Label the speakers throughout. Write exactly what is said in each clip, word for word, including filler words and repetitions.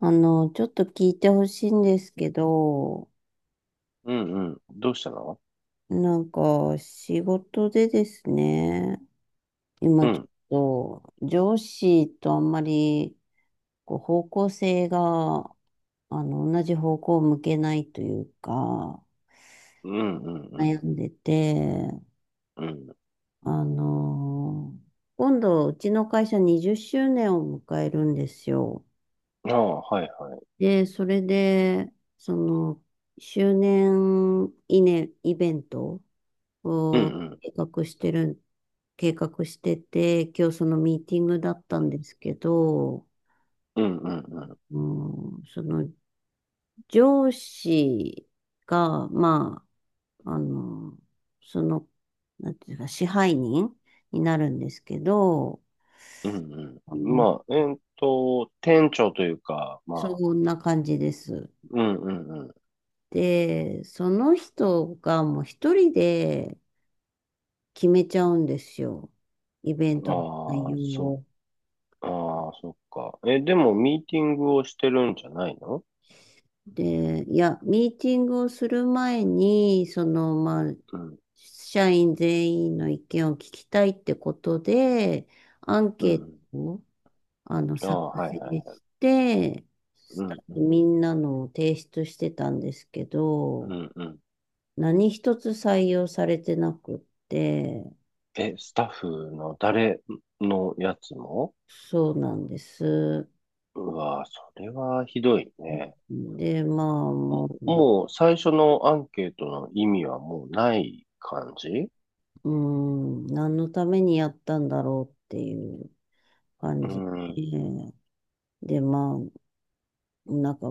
Speaker 1: あの、ちょっと聞いてほしいんですけど、
Speaker 2: うんうん。どうしたの？
Speaker 1: なんか仕事でですね、
Speaker 2: う
Speaker 1: 今ち
Speaker 2: ん。
Speaker 1: ょっと上司とあんまりこう方向性が、あの、同じ方向を向けないというか、
Speaker 2: うんうんう
Speaker 1: 悩
Speaker 2: ん
Speaker 1: んでて、
Speaker 2: うん。
Speaker 1: あの、今度うちの会社にじゅっしゅうねんを迎えるんですよ。
Speaker 2: ああ、はいはい。
Speaker 1: で、それで、その、周年記念イベント
Speaker 2: うんう
Speaker 1: こう、
Speaker 2: ん。
Speaker 1: 計画してるん、計画してて、今日そのミーティングだったんですけど、
Speaker 2: うんうんうん。
Speaker 1: うん、その上司が、まあ、あの、その、なんていうか、支配人になるんですけど、
Speaker 2: うんう
Speaker 1: あ
Speaker 2: ん。
Speaker 1: の、
Speaker 2: まあ、えーっと、店長というか、ま
Speaker 1: そ
Speaker 2: あ、
Speaker 1: んな感じです。
Speaker 2: うんうんうん。
Speaker 1: で、その人がもう一人で決めちゃうんですよ。イベントの内
Speaker 2: ああ、
Speaker 1: 容
Speaker 2: そ、
Speaker 1: を。
Speaker 2: ああ、そっか。え、でも、ミーティングをしてるんじゃないの？
Speaker 1: で、いや、ミーティングをする前に、その、まあ、
Speaker 2: うん。
Speaker 1: 社員全員の意見を聞きたいってことで、アン
Speaker 2: うん
Speaker 1: ケ
Speaker 2: う
Speaker 1: ー
Speaker 2: ん。
Speaker 1: トを、あの、
Speaker 2: あ
Speaker 1: 作
Speaker 2: あ、はい
Speaker 1: 成
Speaker 2: はい。
Speaker 1: して、
Speaker 2: う
Speaker 1: スタ
Speaker 2: ん
Speaker 1: ッ
Speaker 2: う
Speaker 1: フみ
Speaker 2: ん。
Speaker 1: んなのを提出してたんですけ
Speaker 2: う
Speaker 1: ど、
Speaker 2: んうん。
Speaker 1: 何一つ採用されてなくって、
Speaker 2: え、スタッフの誰のやつも？
Speaker 1: そうなんです。
Speaker 2: うわ、それはひどいね。
Speaker 1: で、まあ、も
Speaker 2: もう最初のアンケートの意味はもうない感じ？
Speaker 1: う、うん、何のためにやったんだろうっていう感
Speaker 2: う
Speaker 1: じ
Speaker 2: ん。うん
Speaker 1: で。で、まあ、なんか、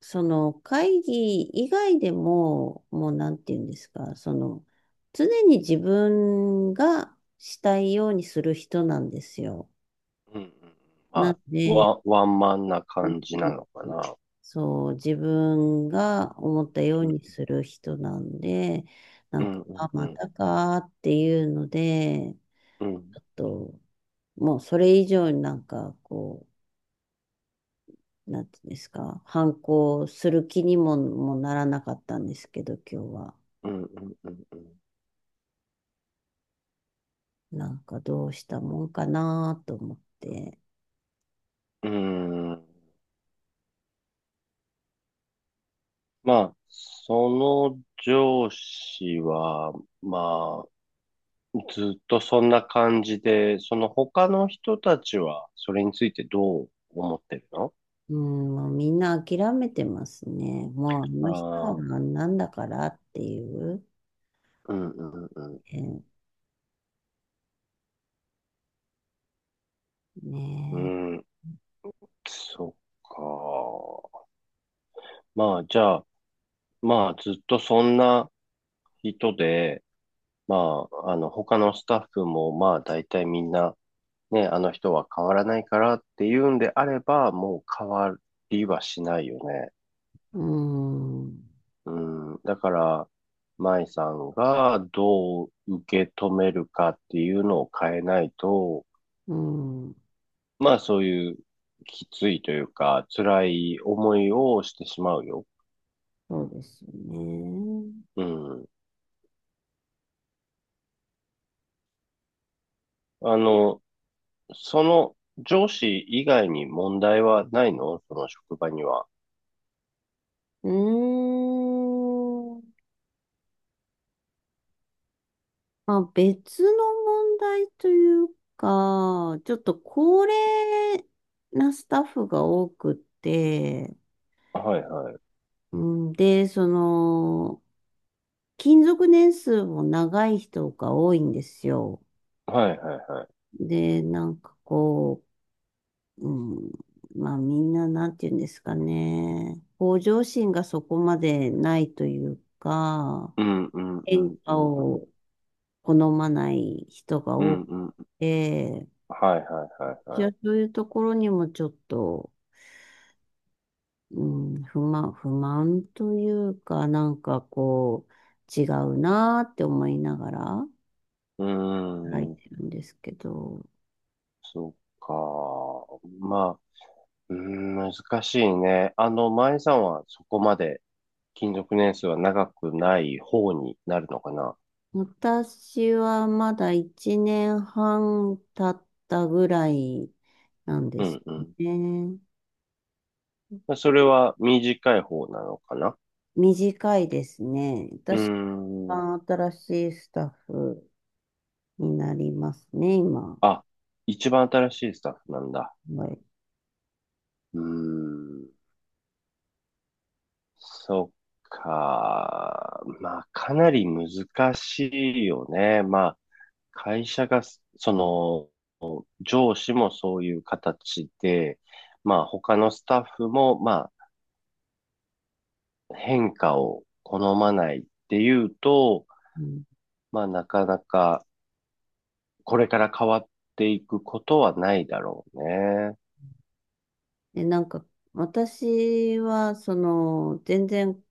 Speaker 1: その会議以外でも、もうなんて言うんですか、その、常に自分がしたいようにする人なんですよ。
Speaker 2: うん。ま
Speaker 1: なん
Speaker 2: あ、
Speaker 1: で、
Speaker 2: ワ、ワンマンな
Speaker 1: う
Speaker 2: 感じな
Speaker 1: ん
Speaker 2: のかな。
Speaker 1: そう、自分が思ったよう
Speaker 2: うん。
Speaker 1: にする人なんで、な
Speaker 2: う
Speaker 1: んか、
Speaker 2: んうん
Speaker 1: あ、
Speaker 2: う
Speaker 1: ま
Speaker 2: ん。
Speaker 1: たかーっていうので、
Speaker 2: う
Speaker 1: ち
Speaker 2: ん。
Speaker 1: ょっと、もうそれ以上になんか、こう、なんていうんですか、反抗する気にも、もならなかったんですけど、今日は。
Speaker 2: うんうん
Speaker 1: なんかどうしたもんかなと思って。
Speaker 2: うん。うん。まあ、その上司は、まあ、ずっとそんな感じで、その他の人たちはそれについてどう思ってるの？
Speaker 1: うん、もうみんな諦めてますね。もうあ
Speaker 2: あ
Speaker 1: の人はあ
Speaker 2: あー、
Speaker 1: んなんだからっていう。
Speaker 2: うんうんうん。
Speaker 1: えー
Speaker 2: う
Speaker 1: ね
Speaker 2: ん。そっか。まあ、じゃあ、まあ、ずっとそんな人で、まあ、あの、他のスタッフも、まあ、大体みんな、ね、あの人は変わらないからっていうんであれば、もう変わりはしないよね。
Speaker 1: え。うん。
Speaker 2: うん。だから、舞さんがどう受け止めるかっていうのを変えないと、
Speaker 1: うん。
Speaker 2: まあ、そういうきついというか、辛い思いをしてしまうよ。
Speaker 1: そうですよね。
Speaker 2: うん。あの、その上司以外に問題はないの？その職場には。
Speaker 1: うーん。まあ、別の問題というか、ちょっと高齢なスタッフが多くって、
Speaker 2: はいはい。
Speaker 1: うんで、その、勤続年数も長い人が多いんですよ。
Speaker 2: はいはいはい。
Speaker 1: で、なんかこう、うん、まあみんななんて言うんですかね、向上心がそこまでないというか、
Speaker 2: うんうんう
Speaker 1: 変
Speaker 2: んう
Speaker 1: 化
Speaker 2: んうん。
Speaker 1: を好まない人が
Speaker 2: う
Speaker 1: 多
Speaker 2: ん
Speaker 1: く
Speaker 2: うん。
Speaker 1: て、
Speaker 2: はいはいはい
Speaker 1: い
Speaker 2: は
Speaker 1: や、
Speaker 2: い。
Speaker 1: そういうところにもちょっと、うん、不満、不満というか、なんかこう、違うなーって思いながら
Speaker 2: うー
Speaker 1: 書い
Speaker 2: ん。
Speaker 1: てるんですけど、
Speaker 2: そっか。まあ、うーん、難しいね。あの、前さんはそこまで勤続年数は長くない方になるのかな？
Speaker 1: 私はまだいちねんはん経ったぐらいなんで
Speaker 2: う
Speaker 1: す
Speaker 2: んう
Speaker 1: ね。
Speaker 2: ん。それは短い方なのかな？
Speaker 1: 短いですね。
Speaker 2: うー
Speaker 1: 私
Speaker 2: ん。
Speaker 1: が新しいスタッフになりますね、今。
Speaker 2: あ、一番新しいスタッフなんだ。
Speaker 1: はい。
Speaker 2: うーん。そっか。まあ、かなり難しいよね。まあ、会社が、その、上司もそういう形で、まあ、他のスタッフも、まあ、変化を好まないっていうと、
Speaker 1: うん
Speaker 2: まあ、なかなか、これから変わっていくことはないだろうね。
Speaker 1: え、なんか、私は、その、全然、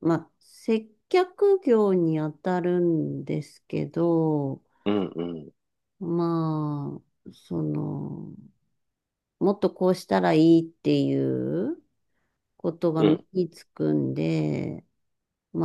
Speaker 1: まあ、接客業に当たるんですけど、
Speaker 2: うん、うん、
Speaker 1: まあ、その、もっとこうしたらいいっていうことが
Speaker 2: う
Speaker 1: 目
Speaker 2: ん。
Speaker 1: につくんで、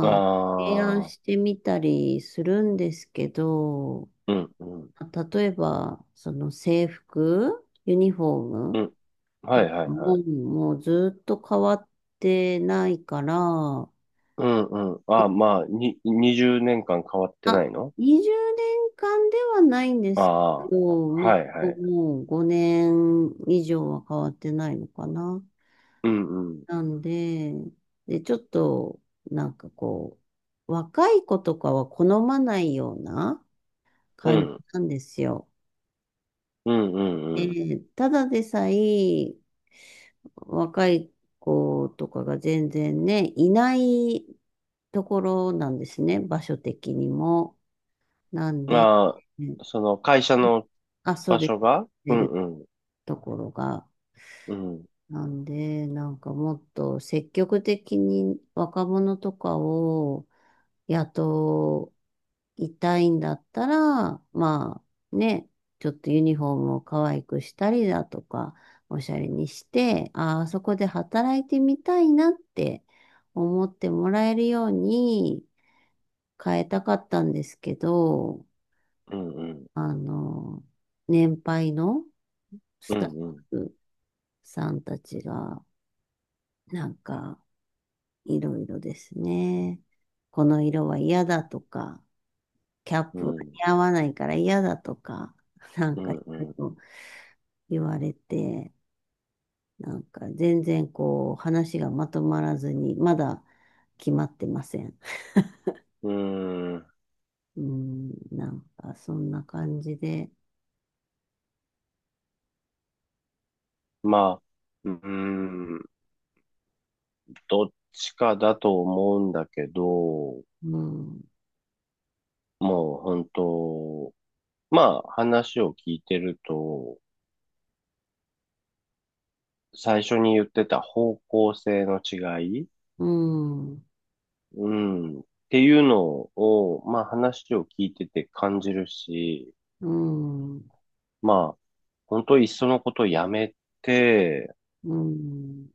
Speaker 2: あ
Speaker 1: あ、提案
Speaker 2: あ、
Speaker 1: してみたりするんですけど、
Speaker 2: うん、うん、
Speaker 1: 例えば、その制服、ユニフォー
Speaker 2: う
Speaker 1: ム
Speaker 2: ん。は
Speaker 1: と
Speaker 2: い、
Speaker 1: か
Speaker 2: はい、は
Speaker 1: も、
Speaker 2: い。
Speaker 1: もうずっと変わってないから、
Speaker 2: うん、うん。ああ、
Speaker 1: え
Speaker 2: まあ、に、にじゅうねんかん変わってな
Speaker 1: あ、
Speaker 2: いの？
Speaker 1: にじゅうねんかんではないんで
Speaker 2: あ
Speaker 1: すけ
Speaker 2: あ、
Speaker 1: ど、まあ、
Speaker 2: はいはい。
Speaker 1: もうごねん以上は変わってないのかな。
Speaker 2: うんうん。
Speaker 1: なんで、で、ちょっと、なんかこう、若い子とかは好まないような
Speaker 2: う
Speaker 1: 感じ
Speaker 2: ん。
Speaker 1: なんですよ。
Speaker 2: うんう
Speaker 1: え
Speaker 2: んうん。
Speaker 1: ーただでさえ、若い子とかが全然ね、いないところなんですね、場所的にも。なんで、
Speaker 2: ま
Speaker 1: うん
Speaker 2: あ、その会社の
Speaker 1: あ、そう
Speaker 2: 場
Speaker 1: です。
Speaker 2: 所が。う
Speaker 1: 出る
Speaker 2: んうん。
Speaker 1: ところが
Speaker 2: うん。
Speaker 1: なんで、なんかもっと積極的に若者とかを雇いたいんだったら、まあね、ちょっとユニフォームを可愛くしたりだとか、おしゃれにして、ああ、そこで働いてみたいなって思ってもらえるように変えたかったんですけど、
Speaker 2: うんうん。
Speaker 1: あの、年配の
Speaker 2: う
Speaker 1: ス
Speaker 2: ん
Speaker 1: タッ
Speaker 2: うん。
Speaker 1: フさんたちが、なんか、いろいろですね。この色は嫌だとか、キャッ
Speaker 2: う
Speaker 1: プが
Speaker 2: ん
Speaker 1: 似合わないから嫌だとか、なんかいろいろ言われて、なんか全然こう話がまとまらずに、まだ決まってません。
Speaker 2: うん。うん。
Speaker 1: うん、なんかそんな感じで、
Speaker 2: まあ、うん。どっちかだと思うんだけど、
Speaker 1: うん、
Speaker 2: もう本当、まあ話を聞いてると、最初に言ってた方向性の違い。
Speaker 1: うん、
Speaker 2: うん。っていうのを、まあ話を聞いてて感じるし、
Speaker 1: うん、うん、
Speaker 2: まあ、本当いっそのことやめて、
Speaker 1: うん、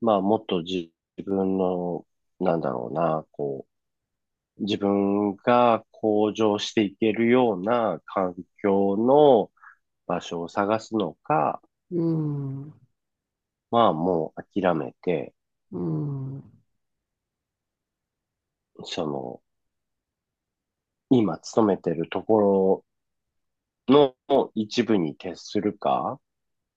Speaker 2: まあもっと自分の、なんだろうな、こう、自分が向上していけるような環境の場所を探すのか、まあもう諦めて、
Speaker 1: うん、
Speaker 2: その、今勤めてるところの一部に徹するか、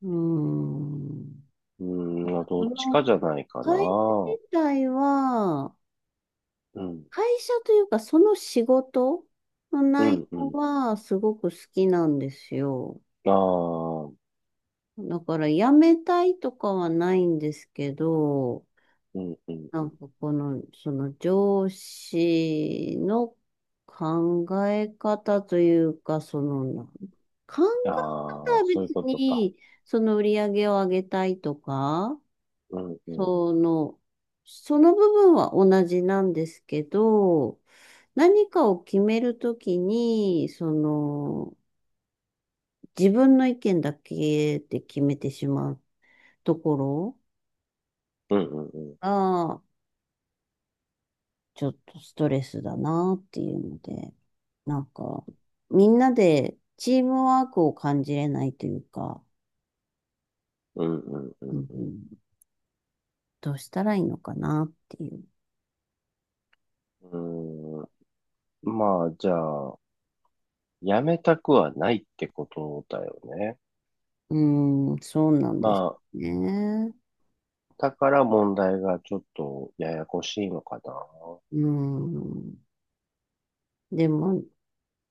Speaker 1: うん。
Speaker 2: うん、ど
Speaker 1: そ
Speaker 2: っちか
Speaker 1: の
Speaker 2: じゃないかな。
Speaker 1: 会社自体は、
Speaker 2: うん。
Speaker 1: 会社というか、その仕事の
Speaker 2: う
Speaker 1: 内
Speaker 2: ん、う
Speaker 1: 容
Speaker 2: ん。
Speaker 1: はすごく好きなんですよ。
Speaker 2: ああ、
Speaker 1: だから辞めたいとかはないんですけど、
Speaker 2: うん、うん、
Speaker 1: な
Speaker 2: う
Speaker 1: ん
Speaker 2: ん。
Speaker 1: かこの、その上司の考え方というか、その、なん考え方
Speaker 2: ああ、
Speaker 1: は
Speaker 2: そういう
Speaker 1: 別
Speaker 2: ことか。
Speaker 1: に、その売り上げを上げたいとか、
Speaker 2: うん、うん。
Speaker 1: その、その部分は同じなんですけど、何かを決めるときに、その、自分の意見だけで決めてしまうところ
Speaker 2: うん、うん、うん。
Speaker 1: が、ちょっとストレスだなっていうので、なんか、みんなでチームワークを感じれないというか、
Speaker 2: うん、う
Speaker 1: う
Speaker 2: ん、
Speaker 1: んうんどうしたらいいのかなっていう。
Speaker 2: うん。うん。まあ、じゃあ、やめたくはないってことだよね。
Speaker 1: うーん、そうなん
Speaker 2: ま
Speaker 1: です
Speaker 2: あ、
Speaker 1: ね。
Speaker 2: だから問題がちょっとややこしいのかな。
Speaker 1: うん。でも、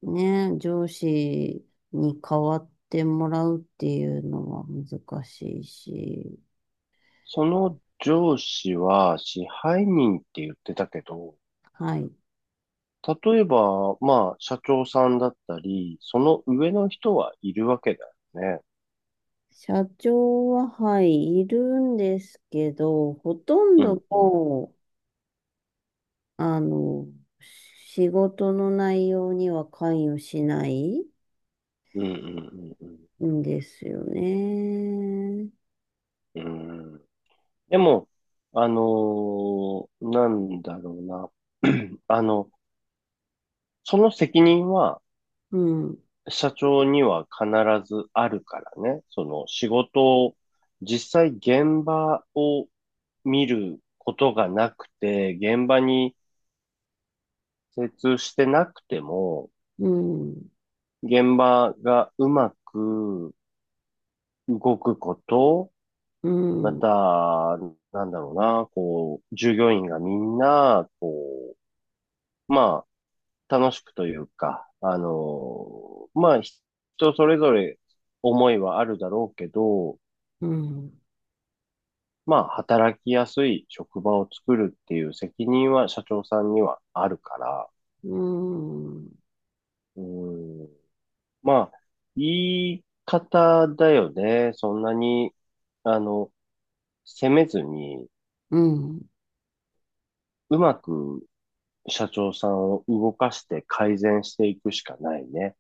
Speaker 1: ね、上司に代わってもらうっていうのは難しいし、
Speaker 2: その上司は支配人って言ってたけど、
Speaker 1: はい。
Speaker 2: 例えば、まあ、社長さんだったり、その上の人はいるわけだよね。
Speaker 1: 社長は、はい、いるんですけど、ほとん
Speaker 2: うん
Speaker 1: ど
Speaker 2: うん
Speaker 1: もう、あの、仕事の内容には関与しない
Speaker 2: うんうん
Speaker 1: んですよね。
Speaker 2: うんうん。うん。でも、あのーなんだろうな。あの、その責任は
Speaker 1: うん、
Speaker 2: 社長には必ずあるからね。その仕事を、実際現場を見ることがなくて、現場に精通してなくても、
Speaker 1: うん、
Speaker 2: 現場がうまく動くこと、
Speaker 1: う
Speaker 2: ま
Speaker 1: ん、
Speaker 2: た、なんだろうな、こう、従業員がみんな、こまあ、楽しくというか、あのまあ、人それぞれ思いはあるだろうけど、
Speaker 1: うん、
Speaker 2: まあ、働きやすい職場を作るっていう責任は社長さんにはあるから、
Speaker 1: うん、
Speaker 2: うん、まあ、言い方だよね。そんなに、あの、責めずに、
Speaker 1: うん、
Speaker 2: うまく社長さんを動かして改善していくしかないね。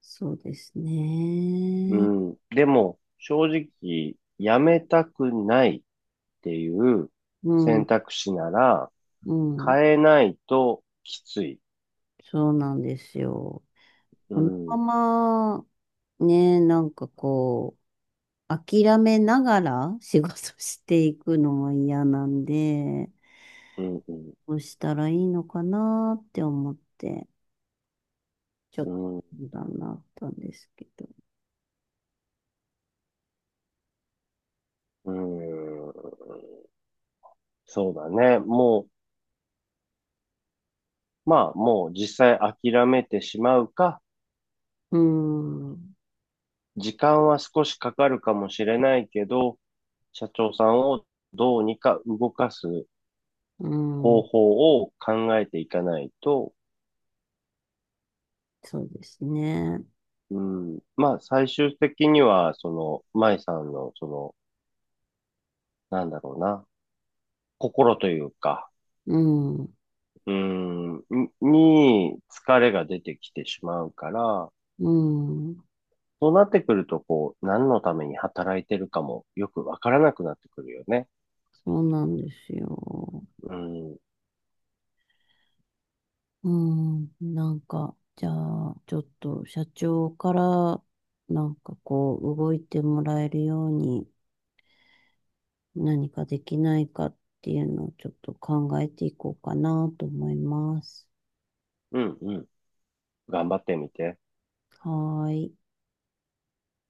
Speaker 1: そうです
Speaker 2: う
Speaker 1: ね。
Speaker 2: ん、でも、正直、辞めたくない。っていう
Speaker 1: う
Speaker 2: 選
Speaker 1: ん、
Speaker 2: 択肢なら、
Speaker 1: うん。
Speaker 2: 変えないときつい。
Speaker 1: そうなんですよ。
Speaker 2: う
Speaker 1: この
Speaker 2: ん、
Speaker 1: まま、ね、なんかこう、諦めながら仕事していくのも嫌なんで、
Speaker 2: うん、うん、
Speaker 1: どうしたらいいのかなって思って、ちょっと
Speaker 2: う
Speaker 1: 相談があったんですけど。
Speaker 2: ん、うん。そうだね。もう、まあ、もう実際諦めてしまうか、
Speaker 1: うーん、
Speaker 2: 時間は少しかかるかもしれないけど、社長さんをどうにか動かす
Speaker 1: う
Speaker 2: 方
Speaker 1: ん、
Speaker 2: 法を考えていかないと、
Speaker 1: そうですね。
Speaker 2: うん、まあ、最終的には、その、舞さんの、その、なんだろうな、心というか、
Speaker 1: うん、
Speaker 2: うーん、に疲れが出てきてしまうから、
Speaker 1: うん、
Speaker 2: そうなってくると、こう、何のために働いてるかもよくわからなくなってくるよね。
Speaker 1: そうなんですよ。
Speaker 2: うん、
Speaker 1: うん、なんか、じゃあ、ちょっと社長から、なんかこう、動いてもらえるように何かできないかっていうのをちょっと考えていこうかなと思います。
Speaker 2: うん、うん。頑張ってみて。
Speaker 1: はーい。